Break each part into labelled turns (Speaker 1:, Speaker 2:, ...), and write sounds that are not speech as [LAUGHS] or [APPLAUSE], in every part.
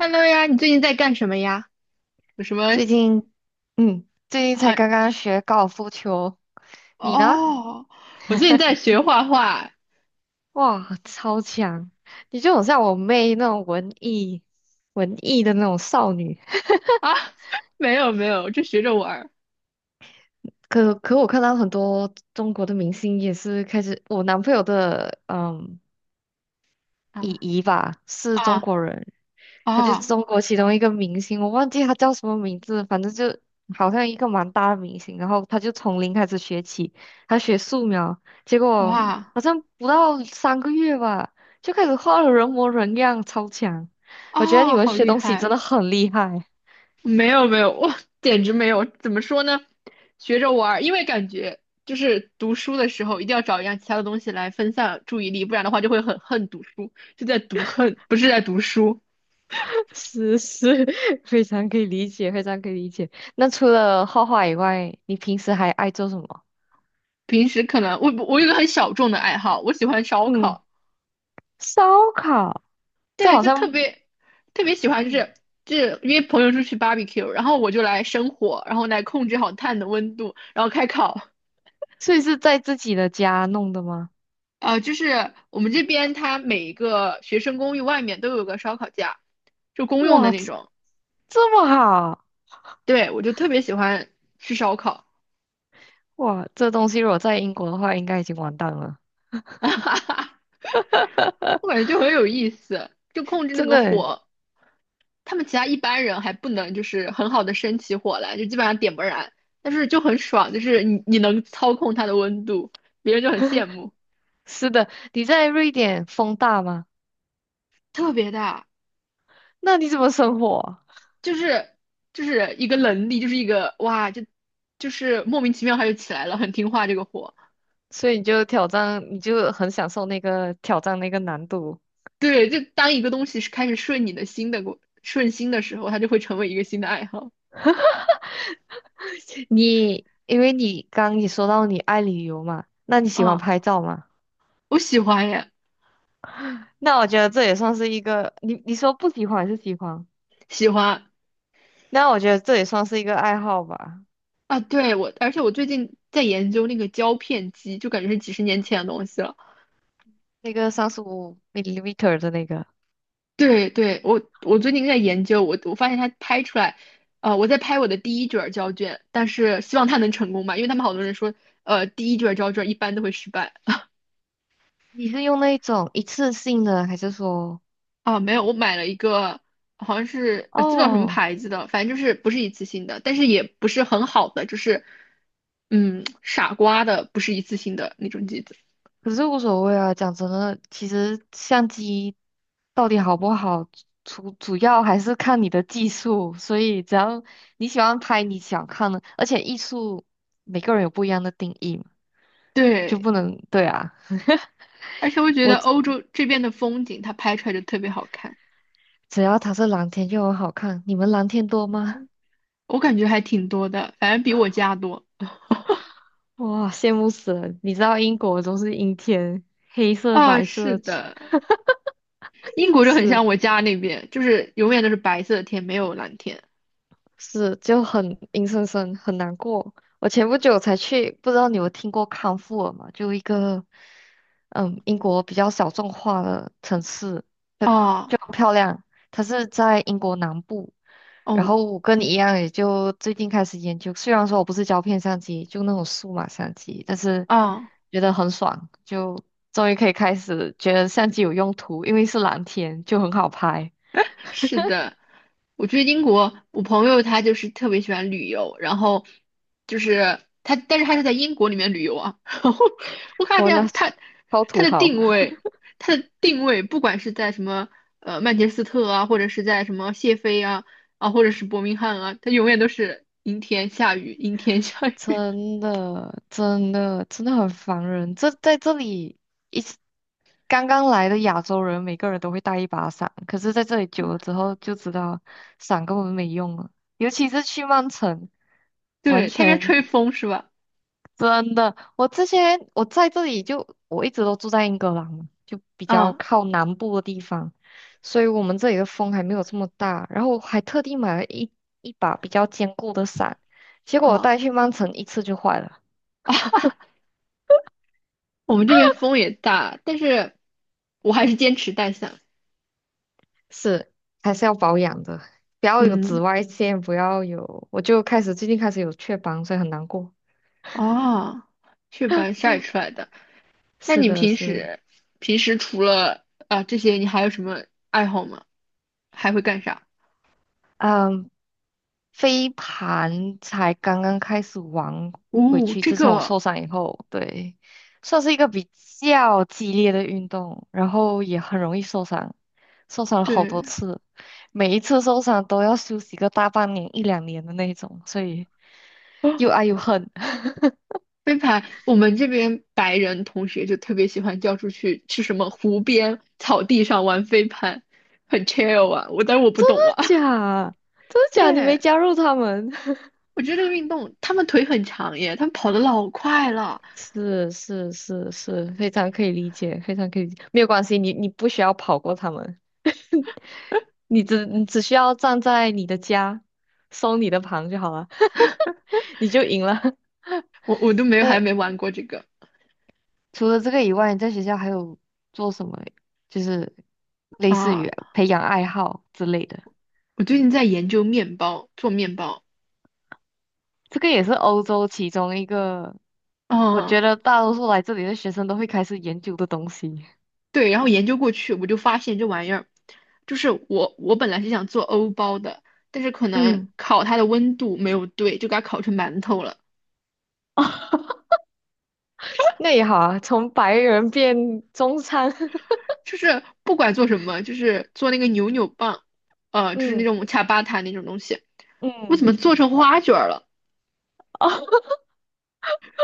Speaker 1: Hello 呀，你最近在干什么呀？有什么
Speaker 2: 最近，最近才
Speaker 1: 啊？
Speaker 2: 刚刚学高尔夫球。你呢？
Speaker 1: 哦，我最近在学画画
Speaker 2: 哇，超强！你就很像我妹那种文艺的那种少女。
Speaker 1: 啊，[LAUGHS] 没有没有，就学着玩儿
Speaker 2: 可可，我看到很多中国的明星也是开始，我男朋友的
Speaker 1: 啊，
Speaker 2: 姨姨吧，是中
Speaker 1: 啊
Speaker 2: 国人。他就是
Speaker 1: 啊
Speaker 2: 中国其中一个明星，我忘记他叫什么名字，反正就好像一个蛮大的明星。然后他就从零开始学起，他学素描，结果
Speaker 1: 哇
Speaker 2: 好像不到3个月吧，就开始画的人模人样，超强。我觉得你
Speaker 1: 啊，
Speaker 2: 们
Speaker 1: 好
Speaker 2: 学
Speaker 1: 厉
Speaker 2: 东西真
Speaker 1: 害！
Speaker 2: 的很厉害。
Speaker 1: 没有没有，我简直没有。怎么说呢？学着玩儿，因为感觉就是读书的时候一定要找一样其他的东西来分散注意力，不然的话就会很恨读书，就在读恨，不是在读书。
Speaker 2: [LAUGHS] 是是，[LAUGHS] 非常可以理解，非常可以理解。那除了画画以外，你平时还爱做什么？
Speaker 1: 平时可能我有一个很小众的爱好，我喜欢烧
Speaker 2: 嗯，
Speaker 1: 烤。
Speaker 2: 烧烤，这
Speaker 1: 对，
Speaker 2: 好
Speaker 1: 就特
Speaker 2: 像，
Speaker 1: 别特别喜欢，就
Speaker 2: 嗯，
Speaker 1: 是就是约朋友出去 barbecue，然后我就来生火，然后来控制好炭的温度，然后开烤。
Speaker 2: 所以是在自己的家弄的吗？
Speaker 1: 啊，就是我们这边它每一个学生公寓外面都有个烧烤架，就公用的
Speaker 2: 哇，
Speaker 1: 那种。
Speaker 2: 这么好。
Speaker 1: 对，我就特别喜欢吃烧烤，
Speaker 2: 哇，这东西如果在英国的话，应该已经完蛋了。
Speaker 1: [LAUGHS] 我感觉就很有意思，就控制那
Speaker 2: 真
Speaker 1: 个
Speaker 2: 的欸。
Speaker 1: 火。他们其他一般人还不能就是很好的生起火来，就基本上点不燃，但是就很爽，就是你能操控它的温度，别人就很羡慕。
Speaker 2: 是的，你在瑞典风大吗？
Speaker 1: 特别大，
Speaker 2: 那你怎么生活啊？
Speaker 1: 就是就是一个能力，就是一个哇，就是莫名其妙它就起来了，很听话这个火。
Speaker 2: 所以你就挑战，你就很享受那个挑战那个难度。
Speaker 1: 对，就当一个东西是开始顺你的心的过顺心的时候，它就会成为一个新的爱好
Speaker 2: 你因为你刚刚说到你爱旅游嘛，那你喜欢
Speaker 1: 啊，
Speaker 2: 拍照吗？
Speaker 1: 我喜欢耶，
Speaker 2: 那我觉得这也算是一个，你说不喜欢还是喜欢？
Speaker 1: 喜欢
Speaker 2: 那我觉得这也算是一个爱好吧。
Speaker 1: 啊，对我，而且我最近在研究那个胶片机，就感觉是几十年前的东西了。
Speaker 2: 那个35 mm 的那个，
Speaker 1: 对对，我最近在研究，我发现它拍出来，我在拍我的第一卷儿胶卷，但是希望它能成功吧，因为他们好多人说，第一卷儿胶卷一般都会失败
Speaker 2: 你是用那一种一次性的，还是说？
Speaker 1: 啊，没有，我买了一个好像是记不到什么
Speaker 2: 哦，
Speaker 1: 牌子的，反正就是不是一次性的，但是也不是很好的，就是傻瓜的，不是一次性的那种机子。
Speaker 2: 可是无所谓啊。讲真的，其实相机到底好不好，主要还是看你的技术。所以只要你喜欢拍你想看的，而且艺术每个人有不一样的定义嘛，就
Speaker 1: 对，
Speaker 2: 不能对啊。
Speaker 1: 而且我觉得欧洲这边的风景，它拍出来就特别好看，
Speaker 2: 只要它是蓝天就很好看。你们蓝天多吗？
Speaker 1: 我感觉还挺多的，反正比我家多。
Speaker 2: [LAUGHS] 哇，羡慕死了！你知道英国都是阴天，黑色、
Speaker 1: 啊，
Speaker 2: 白
Speaker 1: 是
Speaker 2: 色。
Speaker 1: 的。英
Speaker 2: [LAUGHS]
Speaker 1: 国就很
Speaker 2: 是。
Speaker 1: 像我家那边，就是永远都是白色的天，没有蓝天。
Speaker 2: 是就很阴森森，很难过。我前不久才去，不知道你有听过康沃尔吗？就一个英国比较小众化的城市，它
Speaker 1: 啊，
Speaker 2: 就很漂亮。它是在英国南部，然
Speaker 1: 哦
Speaker 2: 后我跟你一样，也就最近开始研究。虽然说我不是胶片相机，就那种数码相机，但是
Speaker 1: 啊，
Speaker 2: 觉得很爽，就终于可以开始觉得相机有用途，因为是蓝天，就很好拍。
Speaker 1: 是的，我觉得英国，我朋友他就是特别喜欢旅游，然后就是他，但是他是在英国里面旅游啊。[LAUGHS] 然后我看
Speaker 2: 我那
Speaker 1: 见
Speaker 2: 超
Speaker 1: 他
Speaker 2: 土
Speaker 1: 的
Speaker 2: 豪。
Speaker 1: 定位，他的定位，不管是在什么曼彻斯特啊，或者是在什么谢菲啊啊，或者是伯明翰啊，他永远都是阴天下雨，阴天下雨。
Speaker 2: 真的，真的，真的很烦人。这在这里一次刚刚来的亚洲人，每个人都会带一把伞，可是在这里久了之后就知道伞根本没用了，尤其是去曼城，
Speaker 1: [LAUGHS]
Speaker 2: 完
Speaker 1: 对，他应该
Speaker 2: 全
Speaker 1: 吹风是吧？
Speaker 2: 真的。我之前我在这里就我一直都住在英格兰嘛，就比较
Speaker 1: 啊
Speaker 2: 靠南部的地方，所以我们这里的风还没有这么大。然后我还特地买了一把比较坚固的伞，结果我
Speaker 1: 啊。
Speaker 2: 带去曼城一次就坏了。
Speaker 1: [LAUGHS] 我们这边风也大，但是我还是坚持带伞。
Speaker 2: 是，还是要保养的，不要有
Speaker 1: 嗯，
Speaker 2: 紫外线，不要有，我就开始最近开始有雀斑，所以很难过。
Speaker 1: 哦，雀斑晒出来的。那
Speaker 2: 是
Speaker 1: 你
Speaker 2: 的，
Speaker 1: 平
Speaker 2: 是的。
Speaker 1: 时平时除了这些，你还有什么爱好吗？还会干啥？
Speaker 2: 嗯，飞盘才刚刚开始玩回
Speaker 1: 哦，
Speaker 2: 去，
Speaker 1: 这
Speaker 2: 自从我
Speaker 1: 个
Speaker 2: 受伤以后，对，算是一个比较激烈的运动，然后也很容易受伤，受伤了好多
Speaker 1: 对，
Speaker 2: 次，每一次受伤都要休息个大半年、一两年的那种，所以
Speaker 1: 哦，
Speaker 2: 又爱又恨。[LAUGHS]
Speaker 1: 飞盘。我们这边白人同学就特别喜欢叫出去去什么湖边草地上玩飞盘，很 chill 啊。但是我不懂啊。
Speaker 2: 假，真的
Speaker 1: [LAUGHS]
Speaker 2: 假？你没
Speaker 1: 对，
Speaker 2: 加入他们？[LAUGHS]
Speaker 1: 我觉得这个运动，他们腿很长耶，他们跑的老快了。
Speaker 2: 是是是是，非常可以理解，非常可以理解，没有关系，你不需要跑过他们，[LAUGHS] 你只需要站在你的家，收你的旁就好了，[LAUGHS] 你就赢了。
Speaker 1: 我都
Speaker 2: [LAUGHS]
Speaker 1: 没有还
Speaker 2: 那
Speaker 1: 没玩过这个
Speaker 2: 除了这个以外，你在学校还有做什么？就是类似于
Speaker 1: 啊。
Speaker 2: 培养爱好之类的。
Speaker 1: 我最近在研究面包，做面包。
Speaker 2: 这个也是欧洲其中一个，我
Speaker 1: 啊，
Speaker 2: 觉得大多数来这里的学生都会开始研究的东西。
Speaker 1: 对，然后研究过去，我就发现这玩意儿，就是我本来是想做欧包的，但是可能
Speaker 2: 嗯。
Speaker 1: 烤它的温度没有对，就给它烤成馒头了。
Speaker 2: [LAUGHS] 那也好啊，从白人变中餐。[LAUGHS]
Speaker 1: 就是不管做什么，就是做那个扭扭棒，就是那
Speaker 2: 嗯
Speaker 1: 种恰巴塔那种东西，我怎
Speaker 2: 嗯，
Speaker 1: 么做成花卷儿了？
Speaker 2: 哦。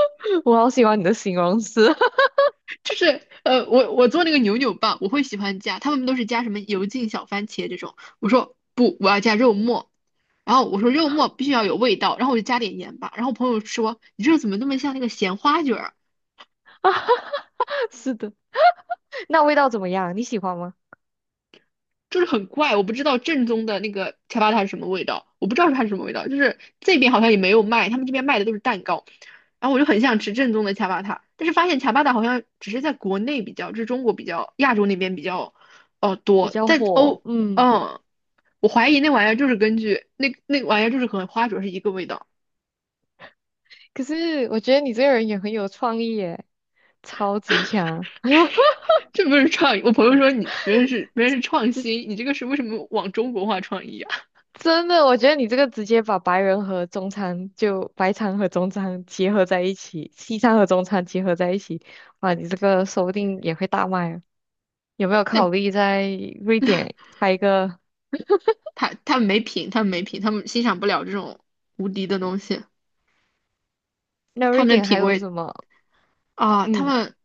Speaker 2: [LAUGHS] 我好喜欢你的形容词。
Speaker 1: 就是我做那个扭扭棒，我会喜欢加，他们都是加什么油浸小番茄这种。我说不，我要加肉末。然后我说肉末必须要有味道，然后我就加点盐吧。然后我朋友说你这怎么那么像那个咸花卷儿？
Speaker 2: [LAUGHS] 是的，那味道怎么样？你喜欢吗？
Speaker 1: 就是很怪，我不知道正宗的那个恰巴塔是什么味道，我不知道它是什么味道，就是这边好像也没有卖，他们这边卖的都是蛋糕，然后我就很想吃正宗的恰巴塔，但是发现恰巴塔好像只是在国内比较，就是中国比较，亚洲那边比较，哦
Speaker 2: 比
Speaker 1: 多，
Speaker 2: 较
Speaker 1: 在
Speaker 2: 火，
Speaker 1: 欧，
Speaker 2: 嗯。
Speaker 1: 嗯，我怀疑那玩意儿就是根据那玩意儿就是和花灼是一个味道，
Speaker 2: 可是我觉得你这个人也很有创意耶，超级强，
Speaker 1: 这不是创意，我朋友说你别人是创新，你这个是为什么往中国化创意啊？
Speaker 2: 真的。我觉得你这个直接把白人和中餐就白餐和中餐结合在一起，西餐和中餐结合在一起，哇，你这个说不定也会大卖啊。有没有
Speaker 1: [LAUGHS] 但
Speaker 2: 考虑在瑞典开一个？
Speaker 1: 他们没品，他们没品，他们欣赏不了这种无敌的东西。
Speaker 2: 那
Speaker 1: 他
Speaker 2: 瑞
Speaker 1: 们的
Speaker 2: 典还
Speaker 1: 品
Speaker 2: 有
Speaker 1: 味
Speaker 2: 什么？
Speaker 1: 啊，他
Speaker 2: 嗯，
Speaker 1: 们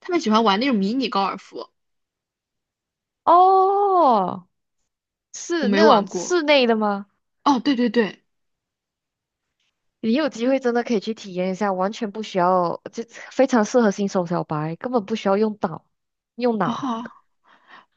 Speaker 1: 他们喜欢玩那种迷你高尔夫，
Speaker 2: 哦，
Speaker 1: 我
Speaker 2: 是
Speaker 1: 没
Speaker 2: 那种
Speaker 1: 玩过。
Speaker 2: 室内的吗？
Speaker 1: 哦，对对对，
Speaker 2: 你有机会真的可以去体验一下，完全不需要，就非常适合新手小白，根本不需要用脑，用脑。
Speaker 1: 啊，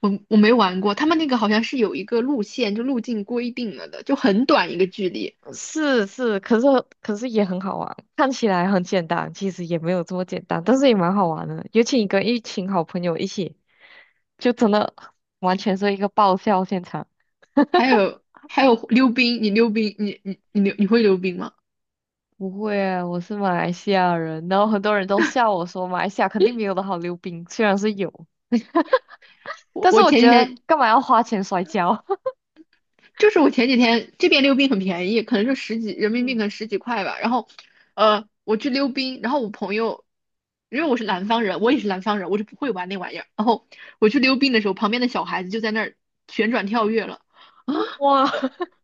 Speaker 1: 我没玩过。他们那个好像是有一个路线，就路径规定了的，就很短一个距离。
Speaker 2: 是是，可是也很好玩，看起来很简单，其实也没有这么简单，但
Speaker 1: 嗯
Speaker 2: 是也蛮好玩的。尤其你跟一群好朋友一起，就真的完全是一个爆笑现场。
Speaker 1: 还有还有溜冰，你溜冰，你会溜冰吗？
Speaker 2: 不会啊，我是马来西亚人，然后很多人都笑我说马来西亚肯定没有的好溜冰，虽然是有，
Speaker 1: 我
Speaker 2: 但是
Speaker 1: 我
Speaker 2: 我
Speaker 1: 前几
Speaker 2: 觉得
Speaker 1: 天
Speaker 2: 干嘛要花钱摔跤？[LAUGHS]
Speaker 1: 我前几天这边溜冰很便宜，可能就十几人民币，
Speaker 2: 嗯，
Speaker 1: 可能十几块吧。然后，我去溜冰，然后我朋友，因为我是南方人，我也是南方人，我就不会玩那玩意儿。然后我去溜冰的时候，旁边的小孩子就在那儿旋转跳跃了，[LAUGHS] 啊，
Speaker 2: 哇，[LAUGHS]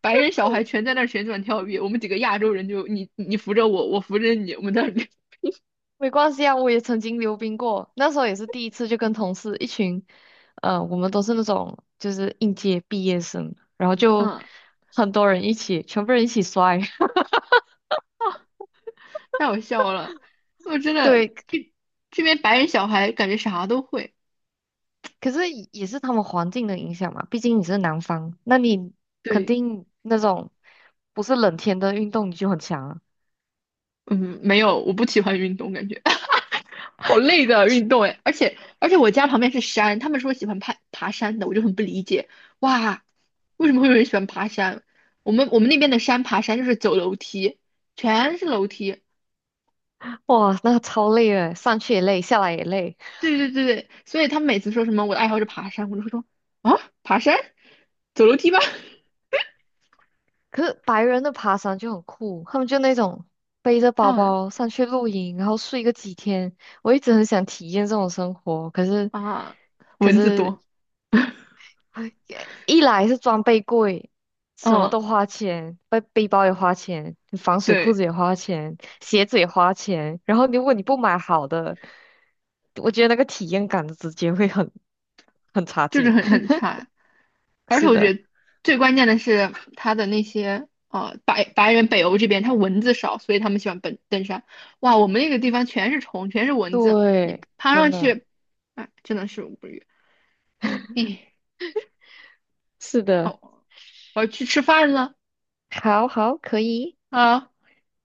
Speaker 1: 白人小孩全在那儿旋转跳跃，我们几个亚洲人就你扶着我，我扶着你，我们在那里，
Speaker 2: 没关系啊，我也曾经溜冰过，那时候也是第一次，就跟同事一群，我们都是那种就是应届毕业生，然后
Speaker 1: [LAUGHS]
Speaker 2: 就
Speaker 1: 嗯
Speaker 2: 很多人一起，全部人一起摔。
Speaker 1: 啊，太好笑了，我真
Speaker 2: [LAUGHS]
Speaker 1: 的
Speaker 2: 对，
Speaker 1: 这边白人小孩感觉啥都会，
Speaker 2: 可是也是他们环境的影响嘛，毕竟你是南方，那你肯
Speaker 1: 对，
Speaker 2: 定那种不是冷天的运动你就很强啊。
Speaker 1: 嗯，没有，我不喜欢运动，感觉。好累的运动哎，而且我家旁边是山，他们说喜欢爬爬山的，我就很不理解，哇，为什么会有人喜欢爬山？我们那边的山爬山就是走楼梯，全是楼梯，
Speaker 2: 哇，那个超累的，上去也累，下来也累。
Speaker 1: 对对对对，所以他们每次说什么我的爱好是爬山，我就会说啊，爬山，走楼梯吧，
Speaker 2: 可是白人的爬山就很酷，他们就那种背着
Speaker 1: [LAUGHS]
Speaker 2: 包
Speaker 1: 嗯
Speaker 2: 包上去露营，然后睡个几天。我一直很想体验这种生活，可是，
Speaker 1: 啊，
Speaker 2: 可
Speaker 1: 蚊子
Speaker 2: 是，
Speaker 1: 多，
Speaker 2: 哎一来是装备贵，什么
Speaker 1: 嗯，
Speaker 2: 都花钱，背背包也花钱，防水裤
Speaker 1: 对，
Speaker 2: 子也花钱，鞋子也花钱。然后如果你不买好的，我觉得那个体验感直接会很差
Speaker 1: 就是
Speaker 2: 劲。
Speaker 1: 很
Speaker 2: [LAUGHS]
Speaker 1: 很差。
Speaker 2: 是的，
Speaker 1: 最关键的是它的那些白人北欧这边，它蚊子少，所以他们喜欢奔登山。哇，我们那个地方全是虫，全是蚊子，你
Speaker 2: 对，
Speaker 1: 爬
Speaker 2: 真
Speaker 1: 上
Speaker 2: 的。
Speaker 1: 去，哎，真的是无语。哎，
Speaker 2: 是的，
Speaker 1: 好，我要去吃饭了，
Speaker 2: 好好，可以，
Speaker 1: 好，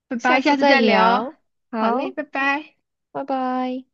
Speaker 1: 拜
Speaker 2: 下
Speaker 1: 拜，下
Speaker 2: 次
Speaker 1: 次
Speaker 2: 再
Speaker 1: 再聊。
Speaker 2: 聊。
Speaker 1: 好嘞，
Speaker 2: 好，
Speaker 1: 拜拜。
Speaker 2: 拜拜。